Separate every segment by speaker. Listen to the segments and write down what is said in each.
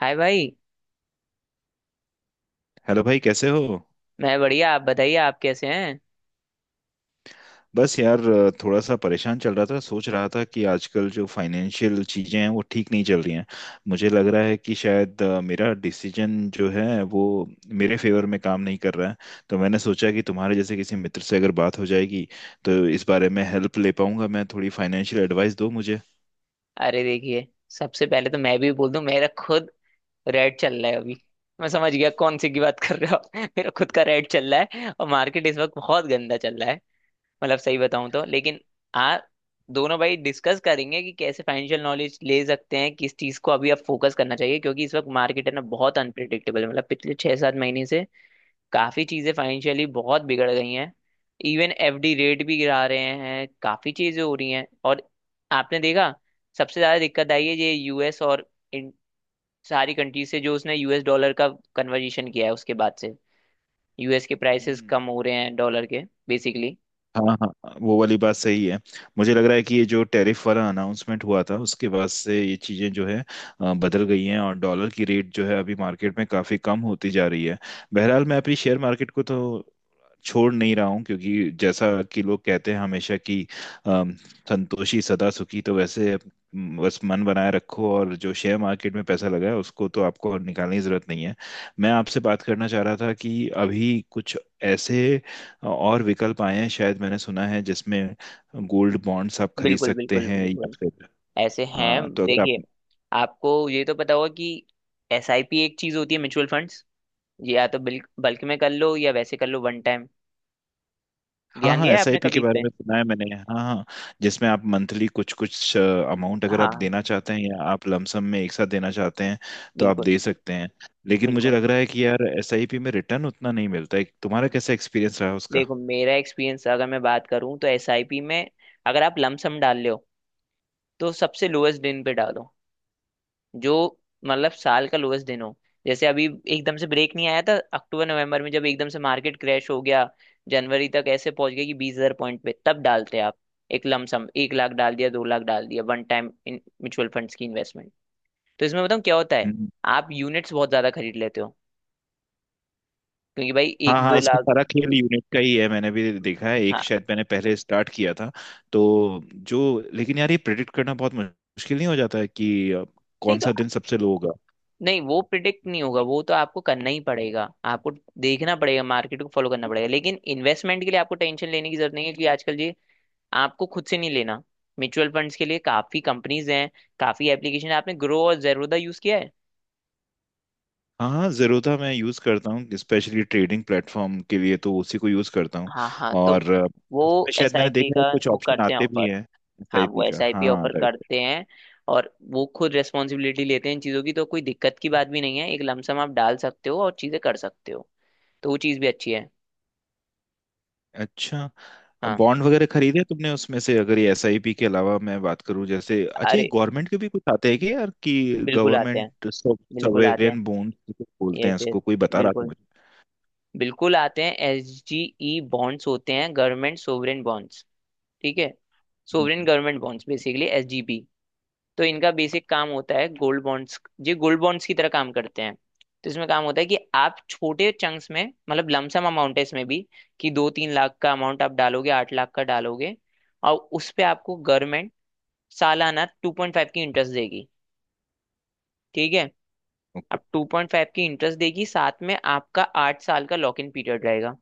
Speaker 1: हाय भाई।
Speaker 2: हेलो भाई, कैसे हो?
Speaker 1: मैं बढ़िया, आप बताइए, आप कैसे हैं?
Speaker 2: बस यार, थोड़ा सा परेशान चल रहा था। सोच रहा था कि आजकल जो फाइनेंशियल चीज़ें हैं वो ठीक नहीं चल रही हैं। मुझे लग रहा है कि शायद मेरा डिसीजन जो है वो मेरे फेवर में काम नहीं कर रहा है। तो मैंने सोचा कि तुम्हारे जैसे किसी मित्र से अगर बात हो जाएगी तो इस बारे में हेल्प ले पाऊंगा। मैं थोड़ी फाइनेंशियल एडवाइस दो मुझे।
Speaker 1: अरे देखिए, सबसे पहले तो मैं भी बोल दूं, मेरा खुद रेड चल रहा है अभी। मैं समझ गया कौन सी की बात कर रहे हो आप। मेरा खुद का रेड चल रहा है और मार्केट इस वक्त बहुत गंदा चल रहा है। मतलब सही बताऊं तो, लेकिन आ दोनों भाई डिस्कस करेंगे कि कैसे फाइनेंशियल नॉलेज ले सकते हैं, किस चीज को अभी आप फोकस करना चाहिए, क्योंकि इस वक्त मार्केट है ना बहुत अनप्रिडिक्टेबल है। मतलब पिछले छह सात महीने से काफी चीजें फाइनेंशियली बहुत बिगड़ गई हैं। इवन एफडी रेट भी गिरा रहे हैं, काफी चीजें हो रही हैं। और आपने देखा, सबसे ज्यादा दिक्कत आई है ये यूएस और इन सारी कंट्रीज से। जो उसने यूएस डॉलर का कन्वर्जेशन किया है, उसके बाद से यूएस के प्राइसेस
Speaker 2: हम्म।
Speaker 1: कम हो रहे हैं डॉलर के, बेसिकली।
Speaker 2: हाँ हाँ। हाँ, वो वाली बात सही है। मुझे लग रहा है कि ये जो टैरिफ वाला अनाउंसमेंट हुआ था उसके बाद से ये चीज़ें जो है बदल गई हैं, और डॉलर की रेट जो है अभी मार्केट में काफ़ी कम होती जा रही है। बहरहाल मैं अपनी शेयर मार्केट को तो छोड़ नहीं रहा हूँ, क्योंकि जैसा कि लोग कहते हैं हमेशा कि अम, संतोषी सदा सुखी। तो वैसे, बस मन बनाए रखो, और जो शेयर मार्केट में पैसा लगा है उसको तो आपको निकालने की जरूरत नहीं है। मैं आपसे बात करना चाह रहा था कि अभी कुछ ऐसे और विकल्प आए हैं शायद, मैंने सुना है जिसमें गोल्ड बॉन्ड्स आप खरीद
Speaker 1: बिल्कुल
Speaker 2: सकते
Speaker 1: बिल्कुल
Speaker 2: हैं या
Speaker 1: बिल्कुल,
Speaker 2: फिर।
Speaker 1: ऐसे हैं,
Speaker 2: हाँ, तो अगर आप।
Speaker 1: देखिए, आपको ये तो पता होगा कि एसआईपी एक चीज होती है, म्यूचुअल फंड्स। ये या तो बल्क में कर लो या वैसे कर लो, वन टाइम।
Speaker 2: हाँ
Speaker 1: ध्यान
Speaker 2: हाँ,
Speaker 1: दिया है आपने
Speaker 2: एसआईपी
Speaker 1: कभी
Speaker 2: के
Speaker 1: इस
Speaker 2: बारे
Speaker 1: पे?
Speaker 2: में सुना है मैंने, हाँ हाँ। जिसमें आप मंथली कुछ कुछ अमाउंट अगर आप
Speaker 1: हाँ,
Speaker 2: देना चाहते हैं या आप लमसम में एक साथ देना चाहते हैं तो आप
Speaker 1: बिल्कुल
Speaker 2: दे सकते हैं। लेकिन मुझे
Speaker 1: बिल्कुल।
Speaker 2: लग रहा है कि यार एसआईपी में रिटर्न उतना नहीं मिलता है। तुम्हारा कैसा एक्सपीरियंस रहा उसका?
Speaker 1: देखो, मेरा एक्सपीरियंस अगर मैं बात करूं तो एसआईपी में अगर आप लमसम डाल रहे हो तो सबसे लोएस्ट दिन पे डालो, जो मतलब साल का लोएस्ट दिन हो। जैसे अभी एकदम से ब्रेक नहीं आया था अक्टूबर नवंबर में, जब एकदम से मार्केट क्रैश हो गया, जनवरी तक ऐसे पहुंच गया कि 20,000 पॉइंट पे, तब डालते आप एक लमसम, 1 लाख डाल दिया, 2 लाख डाल दिया one time in mutual funds की इन्वेस्टमेंट। तो इसमें बताऊँ क्या होता है,
Speaker 2: हम्म।
Speaker 1: आप यूनिट्स बहुत ज्यादा खरीद लेते हो, क्योंकि भाई
Speaker 2: हाँ
Speaker 1: एक
Speaker 2: हाँ,
Speaker 1: दो
Speaker 2: इसमें
Speaker 1: लाख
Speaker 2: सारा खेल यूनिट का ही है। मैंने भी देखा है, एक
Speaker 1: हाँ।
Speaker 2: शायद मैंने पहले स्टार्ट किया था तो। जो लेकिन यार, ये प्रेडिक्ट करना बहुत मुश्किल नहीं हो जाता है कि
Speaker 1: नहीं
Speaker 2: कौन
Speaker 1: तो,
Speaker 2: सा दिन सबसे लो होगा?
Speaker 1: नहीं वो प्रिडिक्ट नहीं होगा, वो तो आपको करना ही पड़ेगा, आपको देखना पड़ेगा, मार्केट को फॉलो करना पड़ेगा। लेकिन इन्वेस्टमेंट के लिए आपको टेंशन लेने की जरूरत नहीं है, क्योंकि आजकल ये आपको खुद से नहीं लेना, म्यूचुअल फंड्स के लिए काफी कंपनीज हैं, काफी एप्लीकेशन। आपने ग्रो और जेरोदा यूज किया है?
Speaker 2: हाँ हाँ, ज़ेरोधा मैं यूज़ करता हूँ स्पेशली ट्रेडिंग प्लेटफॉर्म के लिए, तो उसी को यूज़ करता हूँ।
Speaker 1: हाँ हाँ, तो
Speaker 2: और
Speaker 1: वो
Speaker 2: इसमें
Speaker 1: एस
Speaker 2: शायद
Speaker 1: आई
Speaker 2: मैंने
Speaker 1: पी
Speaker 2: देखा
Speaker 1: का
Speaker 2: है कुछ
Speaker 1: वो
Speaker 2: ऑप्शन
Speaker 1: करते हैं
Speaker 2: आते
Speaker 1: ऑफर।
Speaker 2: भी हैं
Speaker 1: हाँ,
Speaker 2: एसआईपी
Speaker 1: वो एस
Speaker 2: का,
Speaker 1: आई पी
Speaker 2: हाँ
Speaker 1: ऑफर
Speaker 2: राइट।
Speaker 1: करते हैं और वो खुद रेस्पॉन्सिबिलिटी लेते हैं इन चीज़ों की, तो कोई दिक्कत की बात भी नहीं है, एक लमसम आप डाल सकते हो और चीज़ें कर सकते हो। तो वो चीज़ भी अच्छी है।
Speaker 2: अच्छा, अब
Speaker 1: हाँ।
Speaker 2: बॉन्ड वगैरह खरीदे तुमने उसमें से? अगर ये एसआईपी के अलावा मैं बात करूं, जैसे अच्छा, ये
Speaker 1: अरे
Speaker 2: गवर्नमेंट के भी कुछ आते हैं कि यार, कि
Speaker 1: बिल्कुल आते हैं,
Speaker 2: गवर्नमेंट
Speaker 1: बिल्कुल आते हैं।
Speaker 2: सॉवरेन बॉन्ड बोलते हैं
Speaker 1: यस यस,
Speaker 2: इसको, कोई बता रहा था
Speaker 1: बिल्कुल,
Speaker 2: मुझे।
Speaker 1: बिल्कुल आते हैं। एस जी ई बॉन्ड्स होते हैं, गवर्नमेंट सोवरेन बॉन्ड्स, ठीक है? सोवरेन
Speaker 2: हम्म।
Speaker 1: Government bonds, basically S G B. तो इनका बेसिक काम होता है गोल्ड बॉन्ड्स, ये गोल्ड बॉन्ड्स की तरह काम करते हैं। तो इसमें काम होता है कि आप छोटे चंक्स में, मतलब लमसम अमाउंट है इसमें भी, कि 2-3 लाख का अमाउंट आप डालोगे, 8 लाख का डालोगे, और उस पे आपको गवर्नमेंट सालाना 2.5 की इंटरेस्ट देगी, ठीक है?
Speaker 2: ओके।
Speaker 1: आप 2.5 की इंटरेस्ट देगी, साथ में आपका 8 साल का लॉक इन पीरियड रहेगा।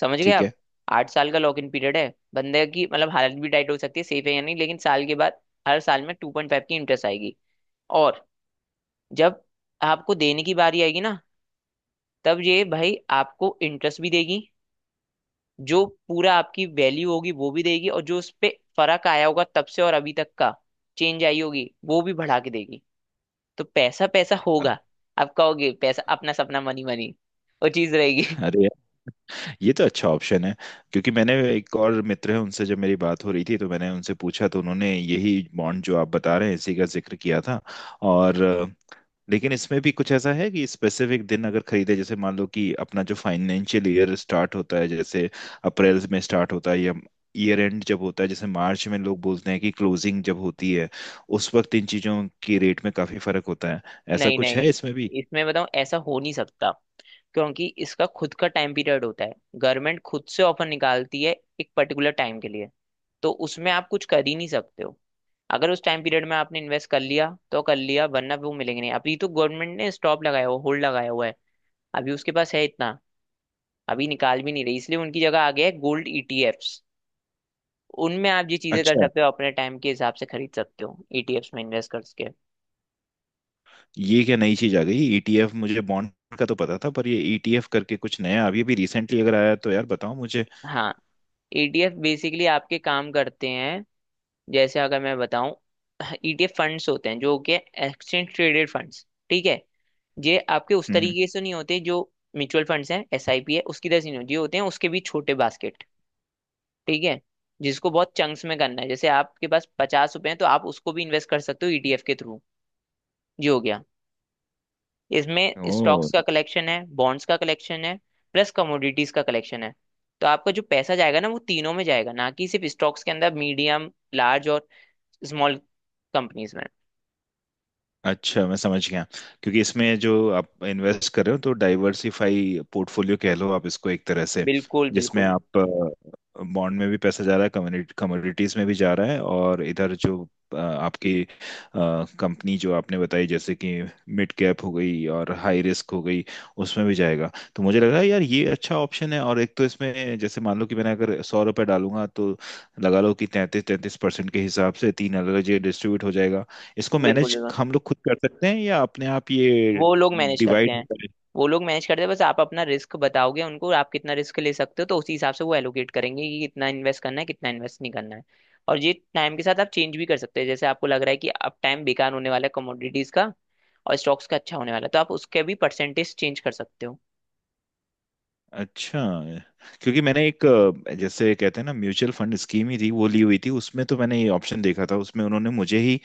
Speaker 1: समझ गए
Speaker 2: ठीक
Speaker 1: आप?
Speaker 2: है।
Speaker 1: आठ साल का लॉक इन पीरियड है, बंदे की मतलब हालत भी टाइट हो सकती है। सेफ है या नहीं, लेकिन साल के बाद, हर साल में 2.5 की इंटरेस्ट आएगी। और जब आपको देने की बारी आएगी ना, तब ये भाई आपको इंटरेस्ट भी देगी, जो पूरा आपकी वैल्यू होगी वो भी देगी, और जो उस पे फर्क आया होगा तब से और अभी तक का, चेंज आई होगी वो भी बढ़ा के देगी। तो पैसा पैसा
Speaker 2: अ-
Speaker 1: होगा, आप कहोगे पैसा अपना, सपना मनी मनी, वो चीज रहेगी।
Speaker 2: अरे यार, ये तो अच्छा ऑप्शन है। क्योंकि मैंने, एक और मित्र है, उनसे जब मेरी बात हो रही थी तो मैंने उनसे पूछा, तो उन्होंने यही बॉन्ड जो आप बता रहे हैं इसी का जिक्र किया था। और लेकिन इसमें भी कुछ ऐसा है कि स्पेसिफिक दिन अगर खरीदे, जैसे मान लो कि अपना जो फाइनेंशियल ईयर स्टार्ट होता है, जैसे अप्रैल में स्टार्ट होता है, या ईयर एंड जब होता है, जैसे मार्च में लोग बोलते हैं कि क्लोजिंग जब होती है, उस वक्त इन चीजों की रेट में काफी फर्क होता है। ऐसा
Speaker 1: नहीं
Speaker 2: कुछ
Speaker 1: नहीं,
Speaker 2: है इसमें भी?
Speaker 1: इसमें बताऊं, ऐसा हो नहीं सकता, क्योंकि इसका खुद का टाइम पीरियड होता है। गवर्नमेंट खुद से ऑफर निकालती है एक पर्टिकुलर टाइम के लिए, तो उसमें आप कुछ कर ही नहीं सकते हो। अगर उस टाइम पीरियड में आपने इन्वेस्ट कर लिया तो कर लिया, वरना वो मिलेंगे नहीं। अभी तो गवर्नमेंट ने स्टॉप लगाया हुआ, होल्ड लगाया हुआ है, अभी उसके पास है इतना, अभी निकाल भी नहीं रही। इसलिए उनकी जगह आ गया है गोल्ड ईटीएफ्स। उनमें आप ये चीजें कर
Speaker 2: अच्छा,
Speaker 1: सकते हो, अपने टाइम के हिसाब से खरीद सकते हो, ईटीएफ्स में इन्वेस्ट करके।
Speaker 2: ये क्या नई चीज आ गई ईटीएफ? मुझे बॉन्ड का तो पता था, पर ये ईटीएफ करके कुछ नया अभी अभी रिसेंटली अगर आया तो यार बताओ मुझे।
Speaker 1: हाँ। ईटीएफ बेसिकली आपके काम करते हैं, जैसे अगर मैं बताऊं, ईटीएफ फंड्स होते हैं, जो कि एक्सचेंज ट्रेडेड फंड्स, ठीक है? ये आपके उस
Speaker 2: हम्म।
Speaker 1: तरीके से नहीं होते जो म्यूचुअल फंड्स हैं, एसआईपी है उसकी तरह से नहीं होते। ये होते हैं उसके भी छोटे बास्केट, ठीक है? जिसको बहुत चंक्स में करना है, जैसे आपके पास 50 रुपए हैं तो आप उसको भी इन्वेस्ट कर सकते हो ईटीएफ के थ्रू। ये हो गया। इसमें
Speaker 2: ओ,
Speaker 1: स्टॉक्स का कलेक्शन है, बॉन्ड्स का कलेक्शन है, प्लस कमोडिटीज का कलेक्शन है। तो आपका जो पैसा जाएगा ना, वो तीनों में जाएगा, ना कि सिर्फ स्टॉक्स के अंदर, मीडियम, लार्ज और स्मॉल कंपनीज में।
Speaker 2: अच्छा, मैं समझ गया। क्योंकि इसमें जो आप इन्वेस्ट कर रहे हो तो डाइवर्सिफाई पोर्टफोलियो कह लो आप इसको, एक तरह से
Speaker 1: बिल्कुल
Speaker 2: जिसमें
Speaker 1: बिल्कुल,
Speaker 2: आप बॉन्ड में भी पैसा जा रहा है, कम्युनिटी कमोडिटीज में भी जा रहा है, और इधर जो आपकी कंपनी जो आपने बताई, जैसे कि मिड कैप हो गई और हाई रिस्क हो गई, उसमें भी जाएगा। तो मुझे लगा यार ये अच्छा ऑप्शन है। और एक तो इसमें, जैसे मान लो कि मैंने अगर 100 रुपये डालूंगा तो लगा लो कि 33-33% के हिसाब से तीन अलग अलग जगह डिस्ट्रीब्यूट हो जाएगा। इसको
Speaker 1: बिल्कुल
Speaker 2: मैनेज
Speaker 1: बिल्कुल,
Speaker 2: हम लोग खुद कर सकते हैं या अपने आप ये
Speaker 1: वो लोग मैनेज करते
Speaker 2: डिवाइड
Speaker 1: हैं।
Speaker 2: करें?
Speaker 1: वो लोग मैनेज करते हैं, बस आप अपना रिस्क बताओगे उनको, आप कितना रिस्क ले सकते हो, तो उसी हिसाब से वो एलोकेट करेंगे कि कितना इन्वेस्ट करना है, कितना इन्वेस्ट नहीं करना है। और ये टाइम के साथ आप चेंज भी कर सकते हैं, जैसे आपको लग रहा है कि अब टाइम बेकार होने वाला है कमोडिटीज का और स्टॉक्स का अच्छा होने वाला है, तो आप उसके भी परसेंटेज चेंज कर सकते हो।
Speaker 2: अच्छा। क्योंकि मैंने एक जैसे कहते हैं ना, म्यूचुअल फंड स्कीम ही थी वो ली हुई थी उसमें, तो मैंने ये ऑप्शन देखा था। उसमें उन्होंने मुझे ही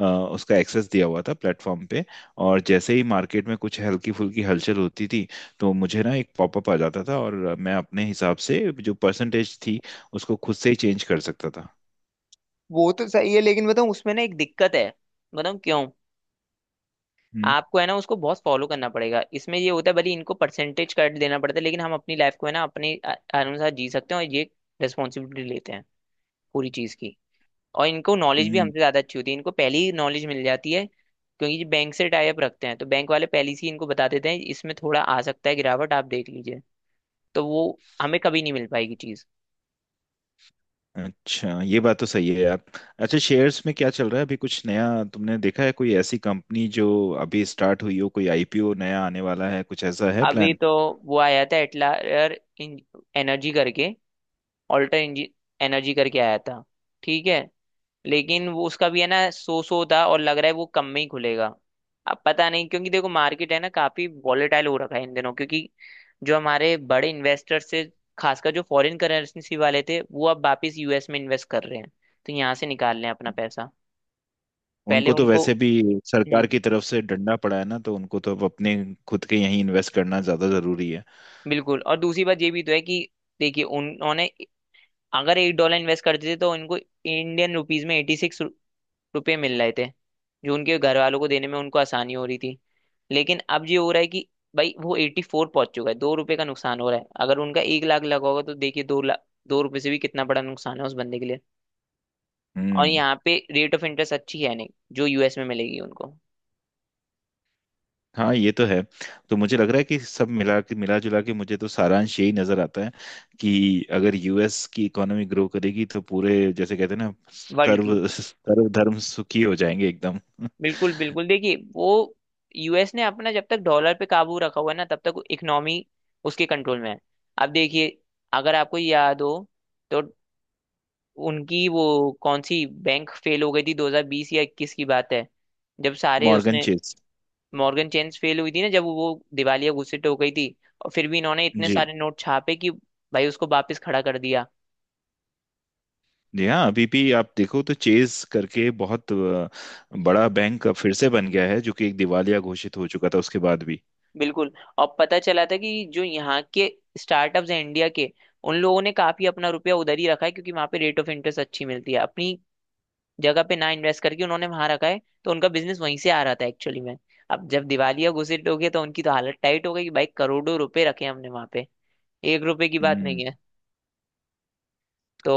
Speaker 2: उसका एक्सेस दिया हुआ था प्लेटफॉर्म पे। और जैसे ही मार्केट में कुछ हल्की फुल्की हलचल होती थी, तो मुझे ना एक पॉपअप आ जाता था, और मैं अपने हिसाब से जो परसेंटेज थी उसको खुद से ही चेंज कर सकता था।
Speaker 1: वो तो सही है, लेकिन बताऊँ, उसमें ना एक दिक्कत है। बताऊँ क्यों?
Speaker 2: हम्म।
Speaker 1: आपको है ना, उसको बहुत फॉलो करना पड़ेगा। इसमें ये होता है, भले इनको परसेंटेज कट देना पड़ता है, लेकिन हम अपनी लाइफ को है ना अपने अनुसार जी सकते हैं, और ये रिस्पॉन्सिबिलिटी लेते हैं पूरी चीज़ की। और इनको नॉलेज भी
Speaker 2: हम्म।
Speaker 1: हमसे ज़्यादा अच्छी होती है, इनको पहले ही नॉलेज मिल जाती है, क्योंकि बैंक से टाई अप रखते हैं, तो बैंक वाले पहले से ही इनको बता देते हैं, इसमें थोड़ा आ सकता है गिरावट, आप देख लीजिए। तो वो हमें कभी नहीं मिल पाएगी चीज़।
Speaker 2: अच्छा, ये बात तो सही है यार। अच्छा, शेयर्स में क्या चल रहा है अभी? कुछ नया तुमने देखा है? कोई ऐसी कंपनी जो अभी स्टार्ट हुई हो, कोई आईपीओ नया आने वाला है, कुछ ऐसा है
Speaker 1: अभी
Speaker 2: प्लान?
Speaker 1: तो वो आया था एटलायर एनर्जी करके, ऑल्टर एनर्जी करके आया था, ठीक है? लेकिन वो उसका भी है ना सो था, और लग रहा है वो कम में ही खुलेगा। अब पता नहीं, क्योंकि देखो मार्केट है ना काफी वॉलेटाइल हो रखा है इन दिनों, क्योंकि जो हमारे बड़े इन्वेस्टर्स से, खासकर जो फॉरेन करेंसी वाले थे, वो अब वापस यूएस में इन्वेस्ट कर रहे हैं, तो यहाँ से निकाल रहे हैं अपना पैसा। पहले
Speaker 2: उनको तो
Speaker 1: उनको।
Speaker 2: वैसे भी
Speaker 1: हम्म।
Speaker 2: सरकार की तरफ से डंडा पड़ा है ना, तो उनको तो अब अपने खुद के यहीं इन्वेस्ट करना ज्यादा जरूरी है।
Speaker 1: बिल्कुल, और दूसरी बात ये भी तो है कि देखिए, उन्होंने अगर एक डॉलर इन्वेस्ट करते थे, तो इनको इंडियन रुपीज में 86 रुपए मिल रहे थे, जो उनके घर वालों को देने में उनको आसानी हो रही थी। लेकिन अब ये हो रहा है कि भाई वो 84 पहुंच चुका है, 2 रुपए का नुकसान हो रहा है, अगर उनका 1 लाख लगा होगा तो देखिए 2 लाख 2 रुपए से भी कितना बड़ा नुकसान है उस बंदे के लिए। और
Speaker 2: हम्म।
Speaker 1: यहाँ पे रेट ऑफ इंटरेस्ट अच्छी है नहीं, जो यूएस में मिलेगी उनको।
Speaker 2: हाँ, ये तो है। तो मुझे लग रहा है कि सब मिला के मिला जुला के मुझे तो सारांश यही नजर आता है, कि अगर यूएस की इकोनॉमी ग्रो करेगी तो पूरे, जैसे कहते हैं ना,
Speaker 1: वर्ल्ड की,
Speaker 2: सर्व सर्व धर्म सुखी हो जाएंगे एकदम।
Speaker 1: बिल्कुल बिल्कुल, देखिए, वो यूएस ने अपना जब तक डॉलर पे काबू रखा हुआ है ना, तब तक इकोनॉमी उसके कंट्रोल में है। अब देखिए, अगर आपको याद हो तो, उनकी वो कौन सी बैंक फेल हो गई थी 2020 या 21 की बात है, जब सारे
Speaker 2: मॉर्गन
Speaker 1: उसने।
Speaker 2: चेज।
Speaker 1: मॉर्गन चेन्स फेल हुई थी ना, जब वो दिवालिया घोषित हो गई थी, और फिर भी इन्होंने इतने
Speaker 2: जी।
Speaker 1: सारे नोट छापे कि भाई उसको वापस खड़ा कर दिया।
Speaker 2: जी हाँ, अभी भी आप देखो तो चेज करके बहुत बड़ा बैंक अब फिर से बन गया है, जो कि एक दिवालिया घोषित हो चुका था उसके बाद भी।
Speaker 1: बिल्कुल, और पता चला था कि जो यहाँ के स्टार्टअप्स हैं इंडिया के, उन लोगों ने काफी अपना रुपया उधर ही रखा है, क्योंकि वहां पे रेट ऑफ इंटरेस्ट अच्छी मिलती है, अपनी जगह पे ना इन्वेस्ट करके उन्होंने वहां रखा है, तो उनका बिजनेस वहीं से आ रहा था एक्चुअली में। अब जब दिवालिया घुसिट हो गया, तो उनकी तो हालत टाइट हो गई कि भाई करोड़ों रुपए रखे हैं हमने वहां पे, एक रुपए की बात
Speaker 2: हम्म।
Speaker 1: नहीं है।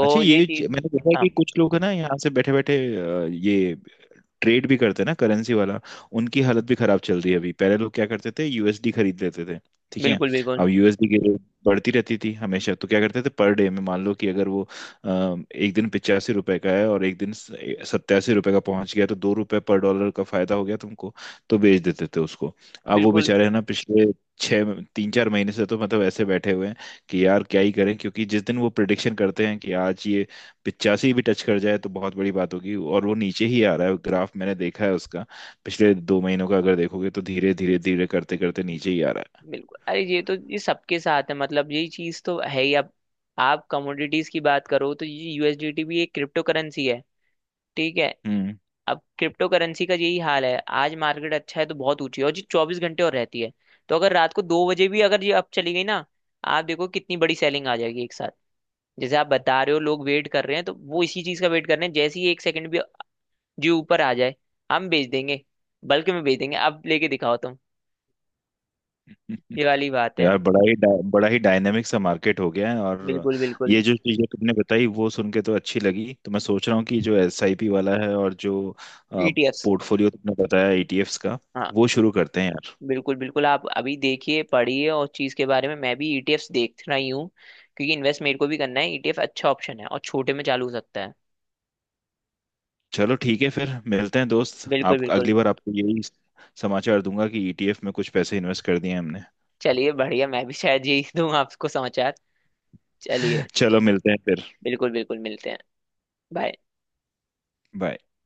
Speaker 2: अच्छा,
Speaker 1: ये चीज।
Speaker 2: मैंने देखा है
Speaker 1: हाँ
Speaker 2: कि कुछ लोग है ना यहाँ से बैठे बैठे ये ट्रेड भी करते हैं ना, करेंसी वाला। उनकी हालत भी खराब चल रही है अभी। पहले लोग क्या करते थे, यूएसडी खरीद लेते थे। ठीक है।
Speaker 1: बिल्कुल बिल्कुल,
Speaker 2: अब यूएसडी की रेट बढ़ती रहती थी हमेशा, तो क्या करते थे, पर डे में मान लो कि अगर वो एक दिन 85 रुपए का है और एक दिन 87 रुपए का पहुंच गया तो 2 रुपए पर डॉलर का फायदा हो गया तुमको, तो बेच देते थे उसको। अब वो
Speaker 1: बिल्कुल
Speaker 2: बेचारे है ना पिछले 6 3 4 महीने से तो मतलब ऐसे बैठे हुए हैं कि यार क्या ही करें, क्योंकि जिस दिन वो प्रिडिक्शन करते हैं कि आज ये 85 भी टच कर जाए तो बहुत बड़ी बात होगी, और वो नीचे ही आ रहा है। ग्राफ मैंने देखा है उसका, पिछले 2 महीनों का अगर देखोगे तो धीरे धीरे धीरे करते करते नीचे ही आ रहा
Speaker 1: बिल्कुल, अरे ये तो ये सबके साथ है, मतलब यही चीज तो है ही। अब आप कमोडिटीज की बात करो, तो ये यूएसडीटी भी एक क्रिप्टो करेंसी है, ठीक है?
Speaker 2: है। हम्म।
Speaker 1: अब क्रिप्टो करेंसी का यही हाल है, आज मार्केट अच्छा है तो बहुत ऊंची है, और जी 24 घंटे और रहती है। तो अगर रात को 2 बजे भी अगर ये अप चली गई ना, आप देखो कितनी बड़ी सेलिंग आ जाएगी एक साथ। जैसे आप बता रहे हो लोग वेट कर रहे हैं, तो वो इसी चीज का वेट कर रहे हैं, जैसे ही एक सेकंड भी जी ऊपर आ जाए, हम बेच देंगे, बल्कि में बेच देंगे, अब लेके दिखाओ तुम। ये वाली बात है।
Speaker 2: यार, बड़ा ही डायनेमिक सा मार्केट हो गया है। और
Speaker 1: बिल्कुल बिल्कुल।
Speaker 2: ये जो चीजें तुमने बताई वो सुन के तो अच्छी लगी। तो मैं सोच रहा हूँ कि जो एसआईपी वाला है और जो
Speaker 1: ईटीएफ्स,
Speaker 2: पोर्टफोलियो तुमने बताया ईटीएफ्स का,
Speaker 1: हाँ,
Speaker 2: वो शुरू करते हैं यार।
Speaker 1: बिल्कुल बिल्कुल, आप अभी देखिए पढ़िए, और चीज के बारे में मैं भी ईटीएफ्स देख रही हूँ, क्योंकि इन्वेस्ट मेरे को भी करना है। ईटीएफ अच्छा ऑप्शन है और छोटे में चालू हो सकता है।
Speaker 2: चलो ठीक है, फिर मिलते हैं दोस्त।
Speaker 1: बिल्कुल
Speaker 2: आप अगली
Speaker 1: बिल्कुल।
Speaker 2: बार आपको यही समाचार दूंगा कि ईटीएफ में कुछ पैसे इन्वेस्ट कर दिए हमने।
Speaker 1: चलिए बढ़िया, मैं भी शायद यही दूंगा आपको समाचार। चलिए,
Speaker 2: चलो मिलते हैं फिर।
Speaker 1: बिल्कुल बिल्कुल, मिलते हैं। बाय।
Speaker 2: बाय।